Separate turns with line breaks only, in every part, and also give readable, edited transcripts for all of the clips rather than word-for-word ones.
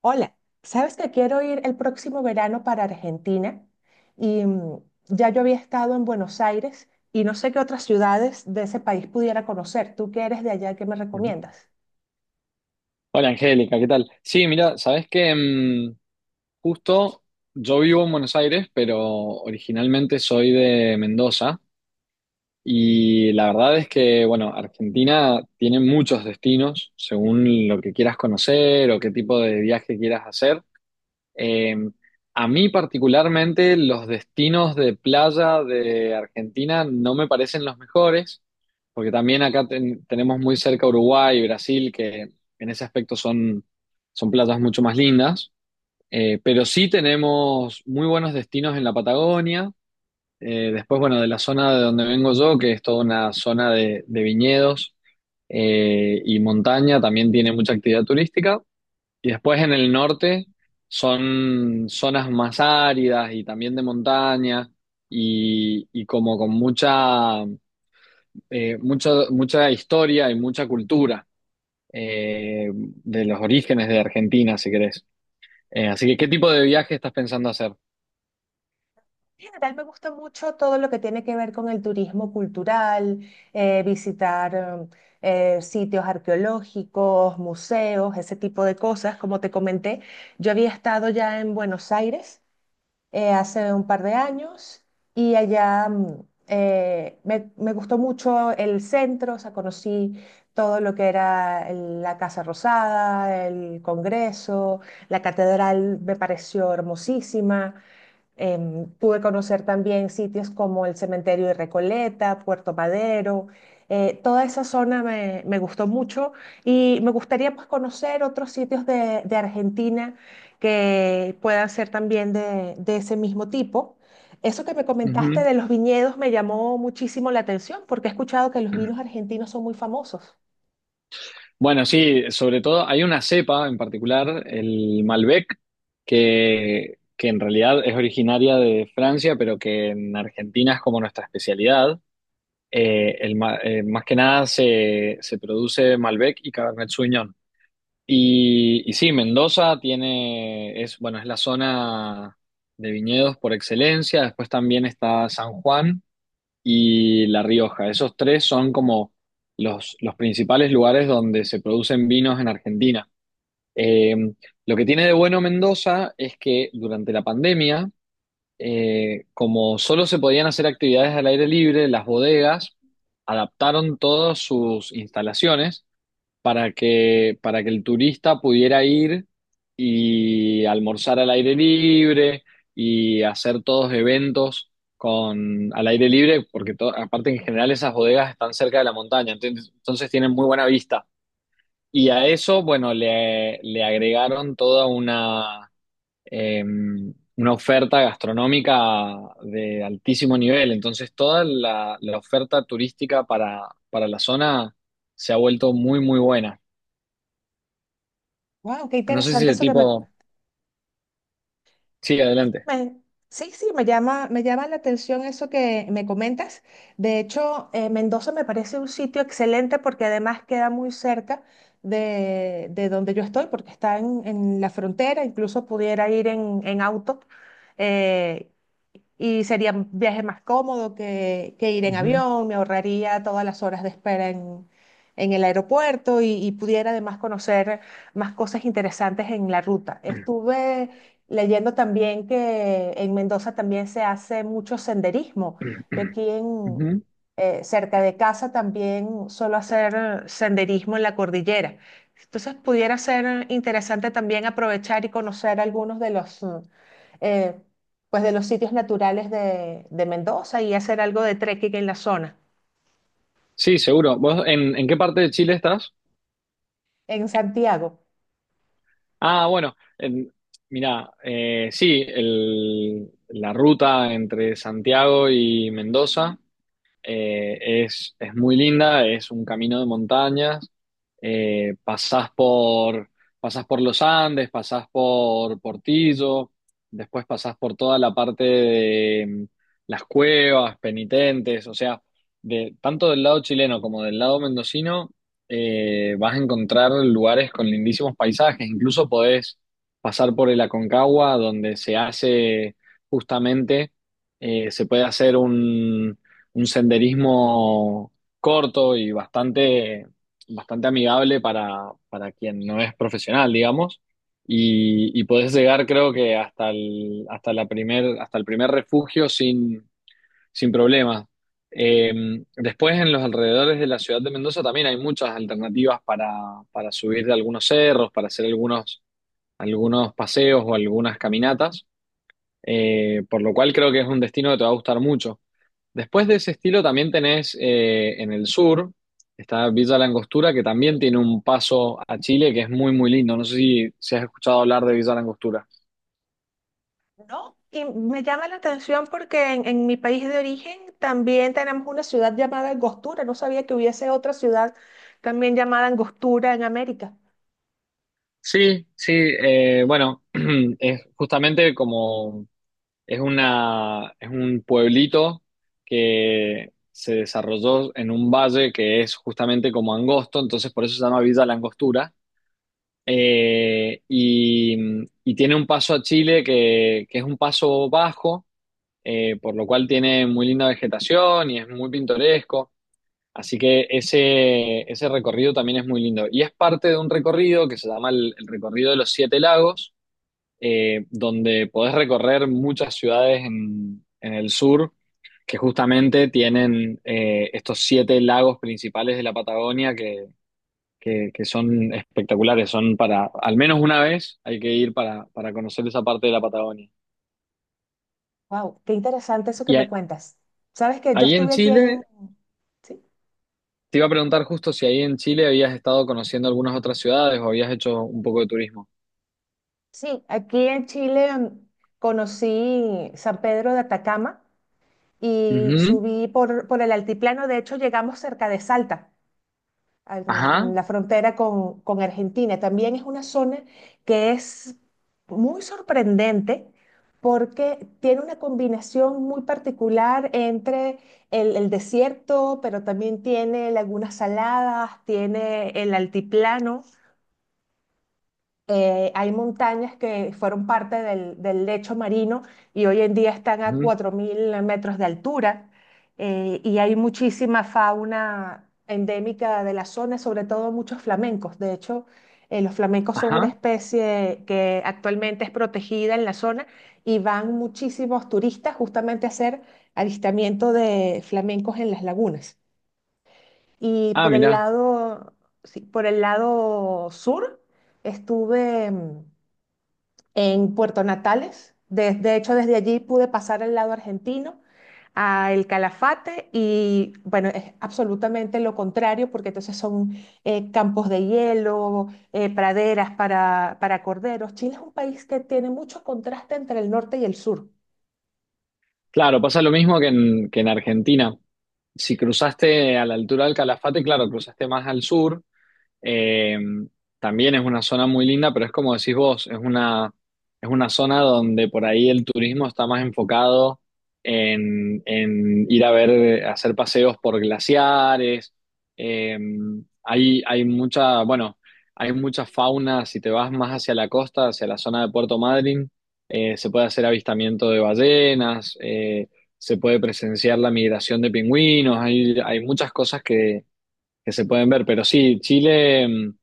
Hola, ¿sabes que quiero ir el próximo verano para Argentina? Y ya yo había estado en Buenos Aires y no sé qué otras ciudades de ese país pudiera conocer. ¿Tú que eres de allá, qué me
Ujú.
recomiendas?
Hola Angélica, ¿qué tal? Sí, mira, sabes que justo yo vivo en Buenos Aires, pero originalmente soy de Mendoza, y la verdad es que, bueno, Argentina tiene muchos destinos según lo que quieras conocer o qué tipo de viaje quieras hacer. Eh, a mí particularmente los destinos de playa de Argentina no me parecen los mejores, porque también acá tenemos muy cerca Uruguay y Brasil, que en ese aspecto son playas mucho más lindas. Pero sí tenemos muy buenos destinos en la Patagonia. Después, bueno, de la zona de donde vengo yo, que es toda una zona de viñedos y montaña, también tiene mucha actividad turística. Y después en el norte son zonas más áridas y también de montaña y como con mucha historia y mucha cultura de los orígenes de Argentina, si querés. Así que, ¿qué tipo de viaje estás pensando hacer?
En general me gusta mucho todo lo que tiene que ver con el turismo cultural, visitar sitios arqueológicos, museos, ese tipo de cosas. Como te comenté, yo había estado ya en Buenos Aires hace un par de años y allá me gustó mucho el centro, o sea, conocí todo lo que era la Casa Rosada, el Congreso, la catedral me pareció hermosísima. Pude conocer también sitios como el Cementerio de Recoleta, Puerto Madero. Toda esa zona me gustó mucho y me gustaría, pues, conocer otros sitios de Argentina que puedan ser también de ese mismo tipo. Eso que me comentaste de los viñedos me llamó muchísimo la atención porque he escuchado que los
Ujú.
vinos argentinos son muy famosos.
Bueno, sí, sobre todo hay una cepa en particular, el Malbec, que en realidad es originaria de Francia, pero que en Argentina es como nuestra especialidad. Más que nada se produce Malbec y Cabernet Sauvignon. Y sí, Mendoza tiene, es, bueno, es la zona de viñedos por excelencia. Después también está San Juan y La Rioja. Esos tres son como los principales lugares donde se producen vinos en Argentina. Eh, lo que tiene de bueno Mendoza es que durante la pandemia, como solo se podían hacer actividades al aire libre, las bodegas adaptaron todas sus instalaciones para que el turista pudiera ir y almorzar al aire libre y hacer todos eventos con, al aire libre, porque aparte en general esas bodegas están cerca de la montaña, entonces tienen muy buena vista. Y a eso, bueno, le agregaron toda eh, una oferta gastronómica de altísimo nivel. Entonces, toda la oferta turística para la zona se ha vuelto muy, muy buena.
Wow, qué
No sé si
interesante
el
eso que
tipo...
me.
Sí, adelante.
Me- sí, sí, me llama la atención eso que me comentas. De hecho, Mendoza me parece un sitio excelente porque además queda muy cerca de donde yo estoy, porque está en la frontera, incluso pudiera ir en auto. Eh, y sería un viaje más cómodo que ir en
Ujú.
avión, me ahorraría todas las horas de espera en el aeropuerto y pudiera además conocer más cosas interesantes en la ruta. Estuve leyendo también que en Mendoza también se hace mucho senderismo. Yo aquí en,
Ujú.
cerca de casa también suelo hacer senderismo en la cordillera. Entonces pudiera ser interesante también aprovechar y conocer algunos de los... eh, pues, de los sitios naturales de Mendoza y hacer algo de trekking en la zona.
Sí, seguro. ¿Vos en qué parte de Chile estás?
En Santiago.
Ah, bueno, mirá, sí, la ruta entre Santiago y Mendoza. Es muy linda, es un camino de montañas. Eh, pasás por, Pasás por los Andes, pasás por Portillo, después pasás por toda la parte de las cuevas, penitentes, o sea, de, tanto del lado chileno como del lado mendocino. Vas a encontrar lugares con lindísimos paisajes, incluso podés pasar por el Aconcagua, donde se hace justamente, se puede hacer un senderismo corto y bastante amigable para quien no es profesional, digamos. Y podés llegar, creo que, hasta el primer refugio sin problema. Eh, Después, en los alrededores de la ciudad de Mendoza también hay muchas alternativas para subir de algunos cerros, para hacer algunos paseos o algunas caminatas, por lo cual creo que es un destino que te va a gustar mucho. Después de ese estilo también tenés en el sur, está Villa La Angostura, que también tiene un paso a Chile que es muy, muy lindo. No sé si has escuchado hablar de Villa La Angostura.
No, y me llama la atención porque en mi país de origen también tenemos una ciudad llamada Angostura. No sabía que hubiese otra ciudad también llamada Angostura en América.
Sí, sí, bueno, es justamente como es una, es un pueblito que se desarrolló en un valle que es justamente como angosto, entonces por eso se llama Villa La Angostura. Eh, y, y tiene un paso a Chile que es un paso bajo, por lo cual tiene muy linda vegetación y es muy pintoresco. Así que ese recorrido también es muy lindo. Y es parte de un recorrido que se llama el recorrido de los siete lagos, donde podés recorrer muchas ciudades en el sur que justamente tienen estos siete lagos principales de la Patagonia que son espectaculares, son para, al menos una vez hay que ir para conocer esa parte de la Patagonia.
Wow, qué interesante eso que
Y
me
a-
cuentas. Sabes que yo
Ahí en
estuve aquí en,
Chile
sí,
te iba a preguntar justo si ahí en Chile habías estado conociendo algunas otras ciudades o habías hecho un poco de turismo.
sí, aquí en Chile conocí San Pedro de Atacama y
Ujú.
subí por el altiplano. De hecho, llegamos cerca de Salta, en
Ajá.
la frontera con Argentina. También es una zona que es muy sorprendente porque tiene una combinación muy particular entre el desierto, pero también tiene lagunas saladas, tiene el altiplano. Hay montañas que fueron parte del lecho marino y hoy en día están a
Ujú.
4.000 metros de altura, y hay muchísima fauna endémica de la zona, sobre todo muchos flamencos. De hecho, los flamencos son una
Ajá.
especie que actualmente es protegida en la zona y van muchísimos turistas justamente a hacer avistamiento de flamencos en las lagunas. Y
Ah,
por el
mirá.
lado, sí, por el lado sur estuve en Puerto Natales. De hecho, desde allí pude pasar al lado argentino, a El Calafate, y bueno, es absolutamente lo contrario, porque entonces son campos de hielo, praderas para corderos. Chile es un país que tiene mucho contraste entre el norte y el sur.
Claro, pasa lo mismo que que en Argentina. Si cruzaste a la altura del Calafate, claro, cruzaste más al sur. Eh, También es una zona muy linda, pero es como decís vos, es una zona donde por ahí el turismo está más enfocado en ir a ver, hacer paseos por glaciares. Eh, Hay mucha, bueno, hay mucha fauna. Si te vas más hacia la costa, hacia la zona de Puerto Madryn, se puede hacer avistamiento de ballenas, se puede presenciar la migración de pingüinos. Hay muchas cosas que se pueden ver. Pero sí, Chile,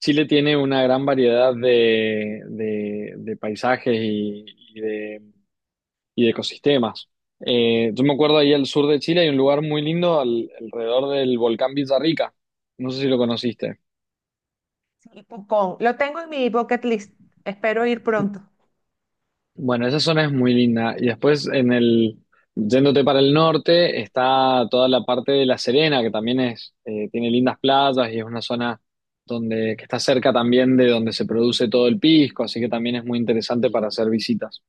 Chile tiene una gran variedad de paisajes y de, y de ecosistemas. Yo me acuerdo ahí al sur de Chile hay un lugar muy lindo alrededor del volcán Villarrica. No sé si lo conociste.
Lo tengo en mi bucket list, espero ir pronto.
Bueno, esa zona es muy linda. Y después en el, yéndote para el norte, está toda la parte de La Serena, que también es, tiene lindas playas y es una zona donde, que está cerca también de donde se produce todo el pisco, así que también es muy interesante para hacer visitas.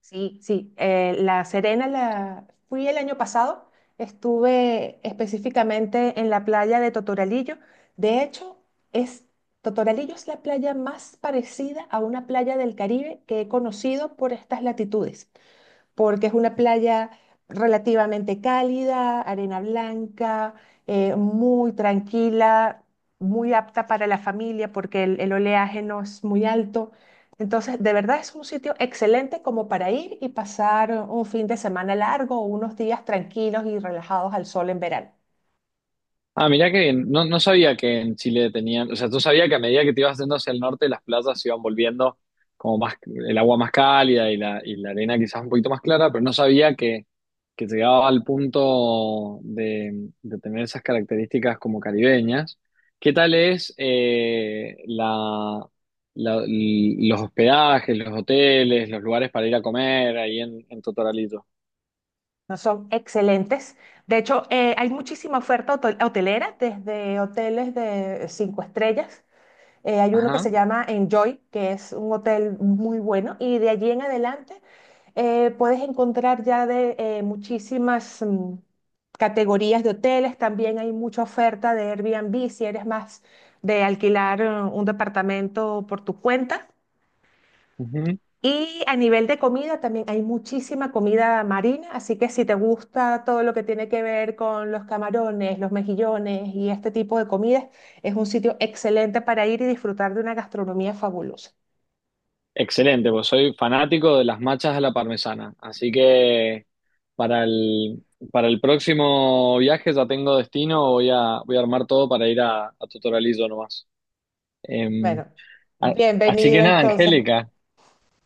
Sí, sí. La Serena la fui el año pasado. Estuve específicamente en la playa de Totoralillo. De hecho, es Totoralillo es la playa más parecida a una playa del Caribe que he conocido por estas latitudes porque es una playa relativamente cálida, arena blanca, muy tranquila, muy apta para la familia porque el oleaje no es muy alto. Entonces, de verdad es un sitio excelente como para ir y pasar un fin de semana largo o unos días tranquilos y relajados al sol en verano.
Ah, mirá que bien. No, no sabía que en Chile tenían, o sea, tú sabías que a medida que te ibas yendo hacia el norte, las playas se iban volviendo como más, el agua más cálida y y la arena quizás un poquito más clara, pero no sabía que llegaba al punto de tener esas características como caribeñas. ¿Qué tal es los hospedajes, los hoteles, los lugares para ir a comer ahí en Totoralito?
No son excelentes. De hecho, hay muchísima oferta hotelera, desde hoteles de 5 estrellas. Hay uno que
Ajá.
se llama Enjoy, que es un hotel muy bueno, y de allí en adelante puedes encontrar ya de muchísimas categorías de hoteles. También hay mucha oferta de Airbnb si eres más de alquilar un departamento por tu cuenta. Y a nivel de comida también hay muchísima comida marina, así que si te gusta todo lo que tiene que ver con los camarones, los mejillones y este tipo de comidas, es un sitio excelente para ir y disfrutar de una gastronomía fabulosa.
Excelente, pues soy fanático de las machas a la parmesana. Así que para el, para el próximo viaje ya tengo destino, voy a armar todo para ir a Totoralillo nomás. Eh,
Bueno,
a- Así
bienvenido
que nada,
entonces.
Angélica,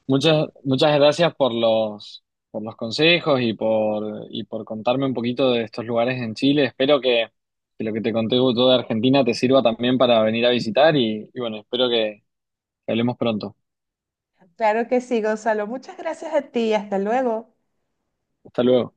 muchas, muchas gracias por los consejos y y por contarme un poquito de estos lugares en Chile. Espero que lo que te conté todo de Argentina te sirva también para venir a visitar y bueno, espero que hablemos pronto.
Claro que sí, Gonzalo. Muchas gracias a ti. Hasta luego.
Hasta luego.